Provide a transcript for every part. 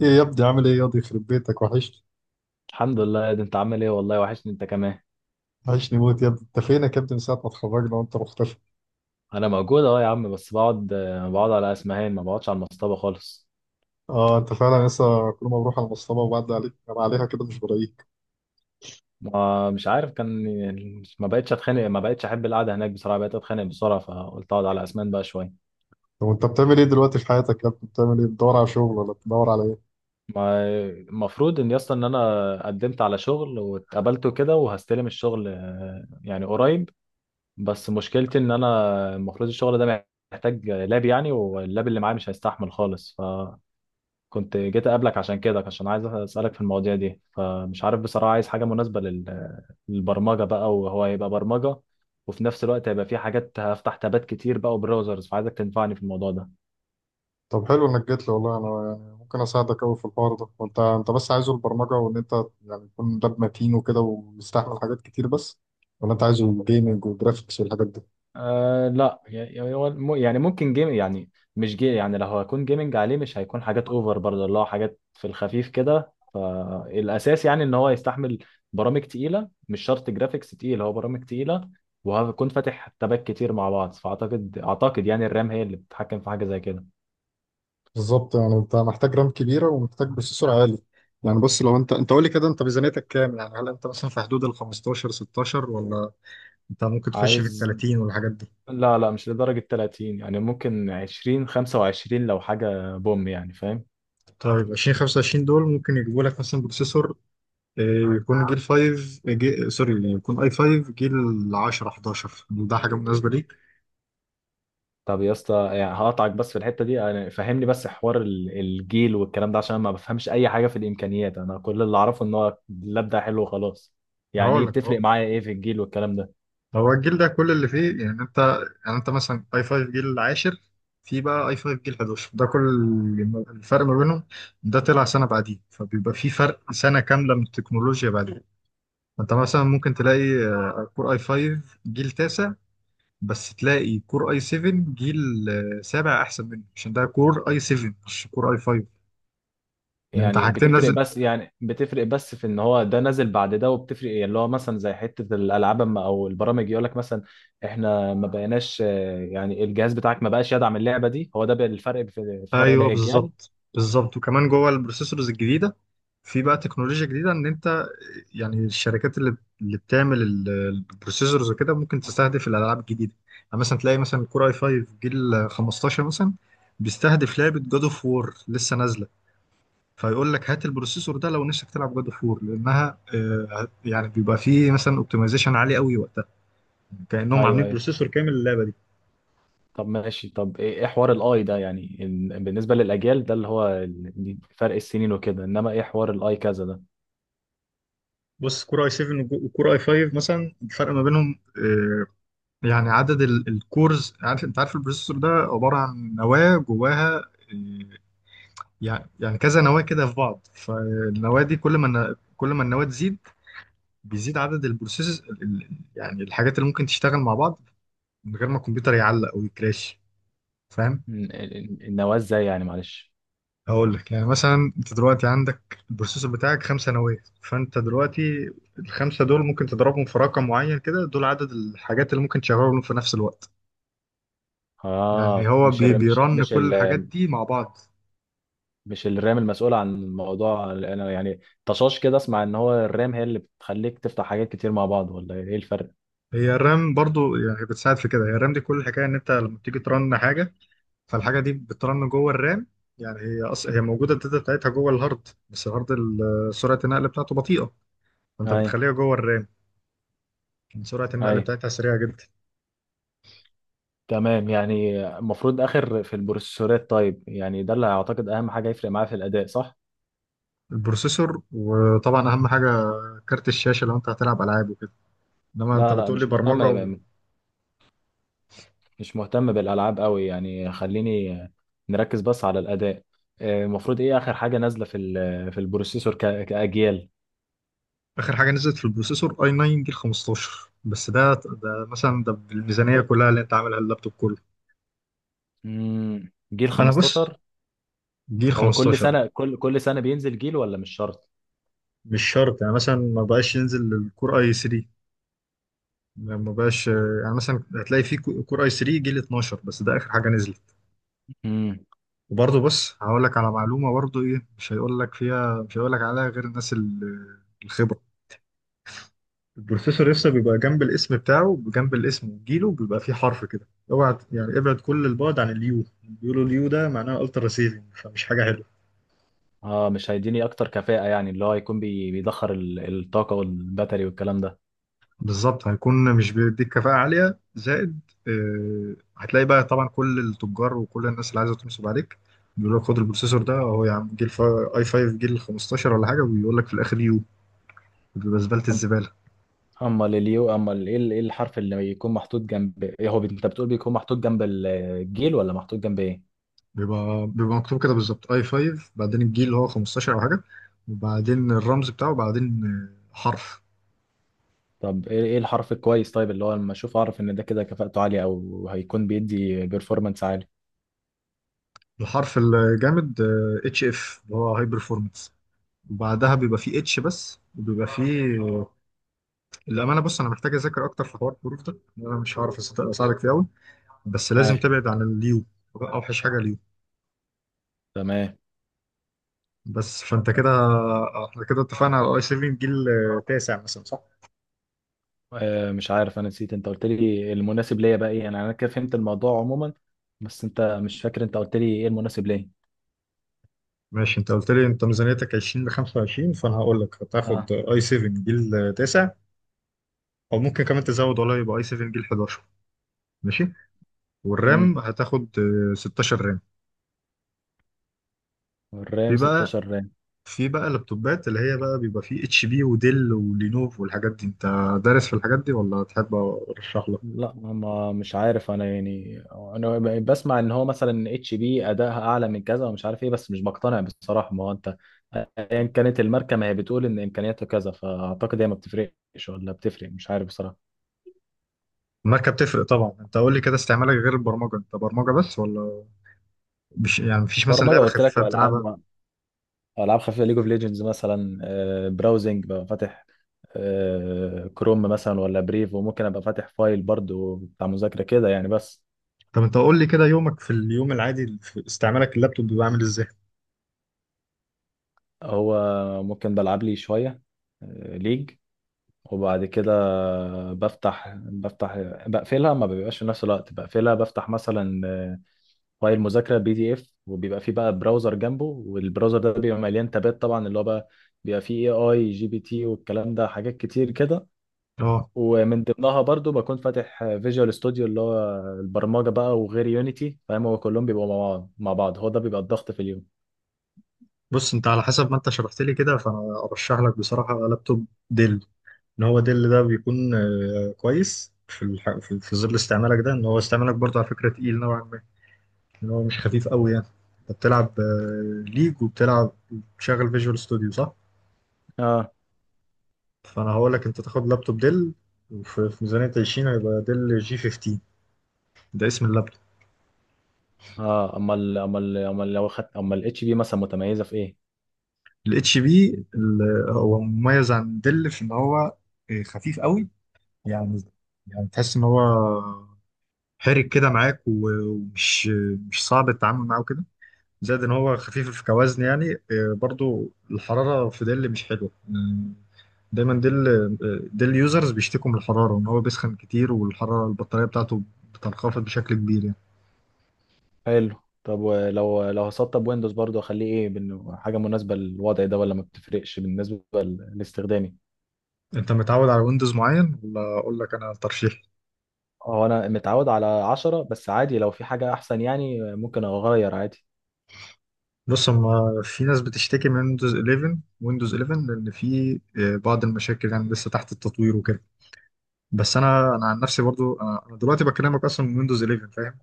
ايه يا ابني، عامل ايه يا ابني؟ يخرب بيتك، وحشني. الحمد لله، ده انت عامل ايه والله؟ وحشني انت كمان. وحشني موت يا ابني. انت فينك يا ابني؟ من ساعه ما اتخرجنا وانت مختفي. انا موجود اهو يا عم، بس بقعد على اسمهان، ما بقعدش على المصطبه خالص. اه انت فعلا لسه، كل ما بروح على المصطبه وبعدي عليك انا عليها كده مش بلاقيك. ما مش عارف كان. ما بقتش اتخانق، ما بقتش احب القعده هناك بصراحه، بقيت اتخانق بسرعه، فقلت اقعد على اسمهان بقى شويه. طب انت بتعمل ايه دلوقتي في حياتك يا ابني؟ بتعمل ايه؟ بتدور على شغل ولا بتدور على ايه؟ ما المفروض ان يسطا ان انا قدمت على شغل واتقبلته كده، وهستلم الشغل يعني قريب. بس مشكلتي ان انا المفروض الشغل ده محتاج لاب يعني، واللاب اللي معايا مش هيستحمل خالص. ف كنت جيت اقابلك عشان كده، عشان عايز اسالك في المواضيع دي، فمش عارف بصراحه، عايز حاجه مناسبه للبرمجه بقى، وهو هيبقى برمجه، وفي نفس الوقت هيبقى في حاجات هفتح تابات كتير بقى وبراوزرز، فعايزك تنفعني في الموضوع ده. طب حلو انك جيت لي والله. انا يعني ممكن اساعدك قوي في الحوار ده، وانت انت بس عايزه البرمجه، وان انت يعني تكون لاب متين وكده ويستحمل حاجات كتير، بس ولا انت عايزه جيمنج وجرافيكس والحاجات دي؟ آه لا، يعني هو يعني ممكن جيم يعني، مش يعني لو هكون جيمنج عليه مش هيكون حاجات اوفر برضه، اللي هو حاجات في الخفيف كده، فالاساس يعني ان هو يستحمل برامج تقيله، مش شرط جرافيكس تقيل، هو برامج تقيله، وهكون فاتح تابات كتير مع بعض، فاعتقد يعني الرام هي اللي بتتحكم في حاجه زي كده. بالظبط، يعني انت محتاج رام كبيره ومحتاج بروسيسور عالي. يعني بص، لو انت قول لي كده، انت ميزانيتك كام؟ يعني هل انت مثلا في حدود ال 15 16، ولا انت ممكن تخش في ال عايز 30 والحاجات دي؟ لا لا، مش لدرجه 30، يعني ممكن 20 25 لو حاجه بوم يعني فاهم. طيب 20 25 دول ممكن يجيبوا لك مثلا بروسيسور، يكون جيل 5 جي... سوري يكون اي 5 جيل 10 11. ده حاجه مناسبه ليك؟ طب يا اسطى يعني هقطعك بس في الحته دي، انا فهمني بس حوار الجيل والكلام ده، عشان أنا ما بفهمش اي حاجه في الامكانيات. انا كل اللي اعرفه ان هو اللاب ده حلو وخلاص. يعني هقول ايه لك بتفرق اهو. معايا ايه في الجيل والكلام ده؟ هو الجيل ده كل اللي فيه، يعني انت، يعني انت مثلا اي 5 جيل العاشر، في بقى اي 5 جيل 11، ده كل الفرق ما بينهم. ده طلع سنه بعديه، فبيبقى في فرق سنه كامله من التكنولوجيا. بعدين انت مثلا ممكن تلاقي كور اي 5 جيل تاسع، بس تلاقي كور اي 7 جيل سابع احسن منه، عشان ده كور اي 7 مش كور اي 5. يعني انت يعني حاجتين. بتفرق بس يعني بتفرق بس في ان هو ده نازل بعد ده. وبتفرق إيه؟ اللي هو مثلا زي حته الالعاب او البرامج يقول لك مثلا احنا ما بقيناش، يعني الجهاز بتاعك ما بقاش يدعم اللعبه دي، هو ده بقى الفرق، في فرق ايوه الاجيال. بالظبط بالظبط. وكمان جوه البروسيسورز الجديده في بقى تكنولوجيا جديده، ان انت يعني الشركات اللي بتعمل البروسيسورز وكده ممكن تستهدف الالعاب الجديده. يعني مثلا تلاقي مثلا كور اي 5 جيل 15 مثلا، بيستهدف لعبه جاد اوف وور لسه نازله، فيقول لك هات البروسيسور ده لو نفسك تلعب جاد اوف وور، لانها يعني بيبقى فيه مثلا اوبتمايزيشن عالي قوي وقتها، كانهم ايوه عاملين ايوه، بروسيسور كامل للعبه دي. طب ماشي، طب إيه حوار الاي ده؟ يعني بالنسبه للاجيال ده اللي هو فرق السنين وكده، انما ايه حوار الاي كذا ده؟ بص كور اي 7 وكور اي 5 مثلا، الفرق ما بينهم يعني عدد الكورز. عارف، انت عارف البروسيسور ده عبارة عن نواة جواها، إيه، يعني، يعني كذا نواة كده في بعض، فالنواة دي كل ما كل ما النواة تزيد، بيزيد عدد البروسيس، يعني الحاجات اللي ممكن تشتغل مع بعض من غير ما الكمبيوتر يعلق او يكراش. فاهم؟ النواة ازاي يعني؟ معلش. هقول لك. يعني مثلا انت دلوقتي عندك البروسيسور بتاعك خمسة نواة، فانت دلوقتي الخمسة دول ممكن تضربهم في رقم معين كده، دول عدد الحاجات اللي ممكن تشغلهم في نفس الوقت. يعني اه، هو بيرن كل الحاجات دي مع بعض. مش الرام المسؤولة عن الموضوع؟ انا يعني طشاش كده اسمع، ان هو الرام هي اللي بتخليك تفتح حاجات كتير مع بعض، ولا ايه الفرق؟ هي الرام برضو يعني بتساعد في كده. هي الرام دي، كل الحكايه ان انت لما بتيجي ترن حاجه، فالحاجه دي بترن جوه الرام. يعني هي هي موجوده، الداتا بتاعتها جوه الهارد، بس الهارد سرعه النقل بتاعته بطيئه، فانت اي بتخليها جوه الرام. يعني سرعه النقل اي، بتاعتها سريعه جدا. تمام، يعني المفروض اخر في البروسيسورات. طيب، يعني ده اللي اعتقد اهم حاجة هيفرق معايا في الاداء، صح؟ البروسيسور، وطبعا اهم حاجه كارت الشاشه لو انت هتلعب العاب وكده، انما انت لا لا، بتقول لي مش مهتم، برمجه. مش مهتم بالالعاب قوي، يعني خليني نركز بس على الاداء. المفروض ايه اخر حاجه نازله في في البروسيسور كاجيال؟ واخر حاجه نزلت في البروسيسور اي 9 جيل 15، بس ده مثلا ده بالميزانيه كلها اللي انت عاملها اللابتوب كله. جيل انا بص، 15. جيل هو كل 15. سنه كل كل سنه بينزل جيل، ولا مش شرط؟ مش شرط، يعني مثلا ما بقاش ينزل الكور اي 3، ما بقاش، يعني مثلا هتلاقي في كور اي 3 جيل 12 بس، ده اخر حاجه نزلت. امم. وبرضه بص هقول لك على معلومه برضه، ايه مش هيقول لك فيها، مش هيقول لك عليها غير الناس الخبره. البروسيسور لسه بيبقى جنب الاسم بتاعه، جنب الاسم وجيله بيبقى فيه حرف كده. اوعى، يعني ابعد كل البعد عن اليو. بيقولوا اليو ده معناه الترا سيفنج، فمش حاجه حلوه. اه، مش هيديني اكتر كفاءه، يعني اللي هو يكون بيدخر الطاقه والباتري والكلام ده. بالظبط، هيكون مش بيديك كفاءة عالية، زائد هتلاقي بقى طبعا كل التجار وكل الناس اللي عايزة تنصب عليك بيقول لك خد البروسيسور ده، هو يا عم جيل اي 5 جيل 15 ولا حاجة، وبيقول لك في الآخر يو، بيبقى زبالة أم- الزبالة. اما اليو، اما ال- ايه ال- إيه الحرف اللي يكون محطوط جنب إيه؟ انت بتقول بيكون محطوط جنب الجيل ولا محطوط جنب ايه؟ بيبقى مكتوب كده بالظبط، اي 5 بعدين الجيل اللي هو 15 أو حاجة، وبعدين الرمز بتاعه، وبعدين حرف. طب إيه الحرف الكويس طيب، اللي هو لما اشوف اعرف ان ده كده كفاءته عاليه، او هيكون بيدي بيرفورمانس عالي. الحرف الجامد اتش اف، اللي هو هاي برفورمانس، وبعدها بيبقى فيه اتش بس، وبيبقى فيه. للأمانة بص، أنا محتاج أذاكر أكتر في حوار الظروف ده، لأن أنا مش هعرف أساعدك فيه أوي، بس اي، لازم تبعد عن اليو. أوحش حاجة اليو. تمام. بس فأنت كده، إحنا كده اتفقنا على أي سيفنج جيل تاسع مثلا، صح؟ آه، مش عارف، انا نسيت، انت قلت لي المناسب ليا بقى ايه؟ يعني انا كده فهمت الموضوع عموما، بس انت مش فاكر انت قلت لي ايه المناسب ليا. ماشي. أنت قلت لي أنت ميزانيتك 20 ل 25، فأنا هقول لك هتاخد اه، أي 7 جيل تاسع، أو ممكن كمان تزود والله، يبقى أي 7 جيل 11. ماشي. امم والرام هتاخد 16 رام. في الرام بقى 16. في بقى اللابتوبات اللي هي بقى بيبقى فيه اتش بي وديل ولينوف والحاجات دي. انت دارس في الحاجات دي ولا تحب ارشح لك؟ لا، ما مش عارف انا يعني، انا بسمع ان هو مثلا اتش بي ادائها اعلى من كذا ومش عارف ايه، بس مش بقتنع بصراحه. ما هو انت ايا كانت الماركه ما هي بتقول ان امكانياتها كذا، فاعتقد هي ما بتفرقش ولا بتفرق، مش عارف بصراحه. الماركة بتفرق طبعا. انت قول لي كده، استعمالك غير البرمجة، انت برمجة بس، ولا مش، يعني مفيش مثلا برمجه لعبة قلت لك خفيفة بتلعبها؟ والعاب، العاب خفيفه ليج اوف ليجندز مثلا، براوزنج ببقى فاتح، كروم مثلا ولا بريف، وممكن ابقى فاتح فايل برضو بتاع مذاكره كده يعني بس. طب انت قول لي كده، يومك في اليوم العادي في استعمالك اللابتوب بيبقى عامل ازاي؟ هو ممكن بلعب لي شويه ليج، وبعد كده بفتح بقفلها، ما بيبقاش في نفس الوقت، بقفلها بفتح مثلا فايل مذاكره بي دي اف، وبيبقى فيه بقى براوزر جنبه، والبراوزر ده بيبقى مليان تابات طبعا، اللي هو بقى بيبقى فيه اي جي بي تي والكلام ده حاجات كتير كده. اه. ومن ضمنها برضو بكون فاتح فيجوال ستوديو اللي هو البرمجه بقى، وغير يونيتي، فاهم؟ هو كلهم بيبقوا مع بعض مع بعض، هو ده بيبقى الضغط في اليوم. بص انت على حسب ما انت شرحت لي كده، فانا ارشح لك بصراحة لابتوب ديل. ان هو ديل ده بيكون كويس في في ظل استعمالك ده، ان هو استعمالك برضه على فكرة تقيل نوعا ما، ان هو مش خفيف قوي يعني. انت بتلعب ليج وبتلعب بتشغل فيجوال ستوديو، صح؟ اه فانا هقول لك انت تاخد لابتوب ديل، وفي في ميزانيه 20 هيبقى ديل جي 15. ده اسم اللابتوب. اه، اما ال اما ال اما لو خدت اما الاتش بي مثلا متميزه في ايه؟ الاتش بي هو مميز عن ديل في ان هو خفيف قوي. يعني، يعني تحس ان هو حرك كده معاك، ومش مش صعب التعامل معاه كده، زائد ان هو خفيف في كوزن يعني. برضو الحراره في ديل مش حلوه. دايما ديل، ديل يوزرز بيشتكوا من الحراره ان هو بيسخن كتير، والحراره البطاريه بتاعته بتنخفض بشكل كبير يعني. حلو، طب ولو لو هسطب ويندوز برضو اخليه ايه، بإنه حاجه مناسبه للوضع ده، ولا ما بتفرقش بالنسبه لاستخدامي؟ انت متعود على ويندوز معين، ولا اقول لك انا ترشيح؟ هو انا متعود على 10 بس عادي، لو في حاجه احسن يعني ممكن اغير عادي. بص، هما في ناس بتشتكي من ويندوز 11. ويندوز 11 لان في بعض المشاكل يعني لسه تحت التطوير وكده. بس انا عن نفسي برضو، أنا دلوقتي بكلمك اصلا من ويندوز 11، فاهم؟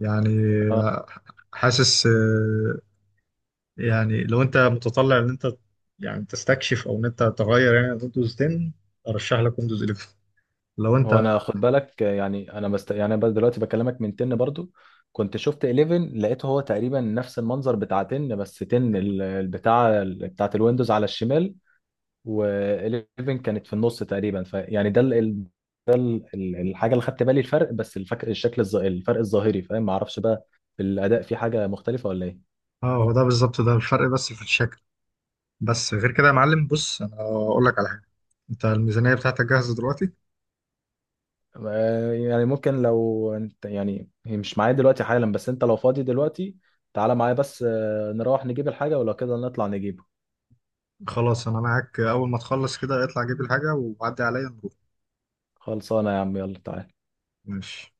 يعني اه، آه، حاسس، يعني لو انت متطلع ان انت يعني تستكشف، او ان انت تغير يعني ويندوز 10، ارشح لك ويندوز 11. لو انت، هو انا خد بالك، يعني انا يعني أنا دلوقتي بكلمك من 10 برضو، كنت شفت 11 لقيته هو تقريبا نفس المنظر بتاع 10، بس 10 البتاع بتاعه الويندوز على الشمال، و11 كانت في النص تقريبا، فيعني الحاجه اللي خدت بالي الفرق، بس الشكل الفرق الظاهري، فاهم؟ ما اعرفش بقى في الاداء في حاجه مختلفه ولا ايه. اه هو ده بالظبط، ده الفرق بس في الشكل، بس غير كده يا معلم. بص انا اقول لك على، انت الميزانية بتاعتك جاهزة دلوقتي؟ يعني ممكن لو انت يعني هي مش معايا دلوقتي حالا، بس انت لو فاضي دلوقتي تعالى معايا، بس نروح نجيب الحاجه، ولو كده نطلع نجيبه. خلاص انا معاك، اول ما تخلص كده اطلع جيب الحاجة وعدي عليا نروح. خلصانه يا عم، يلا تعالى. ماشي.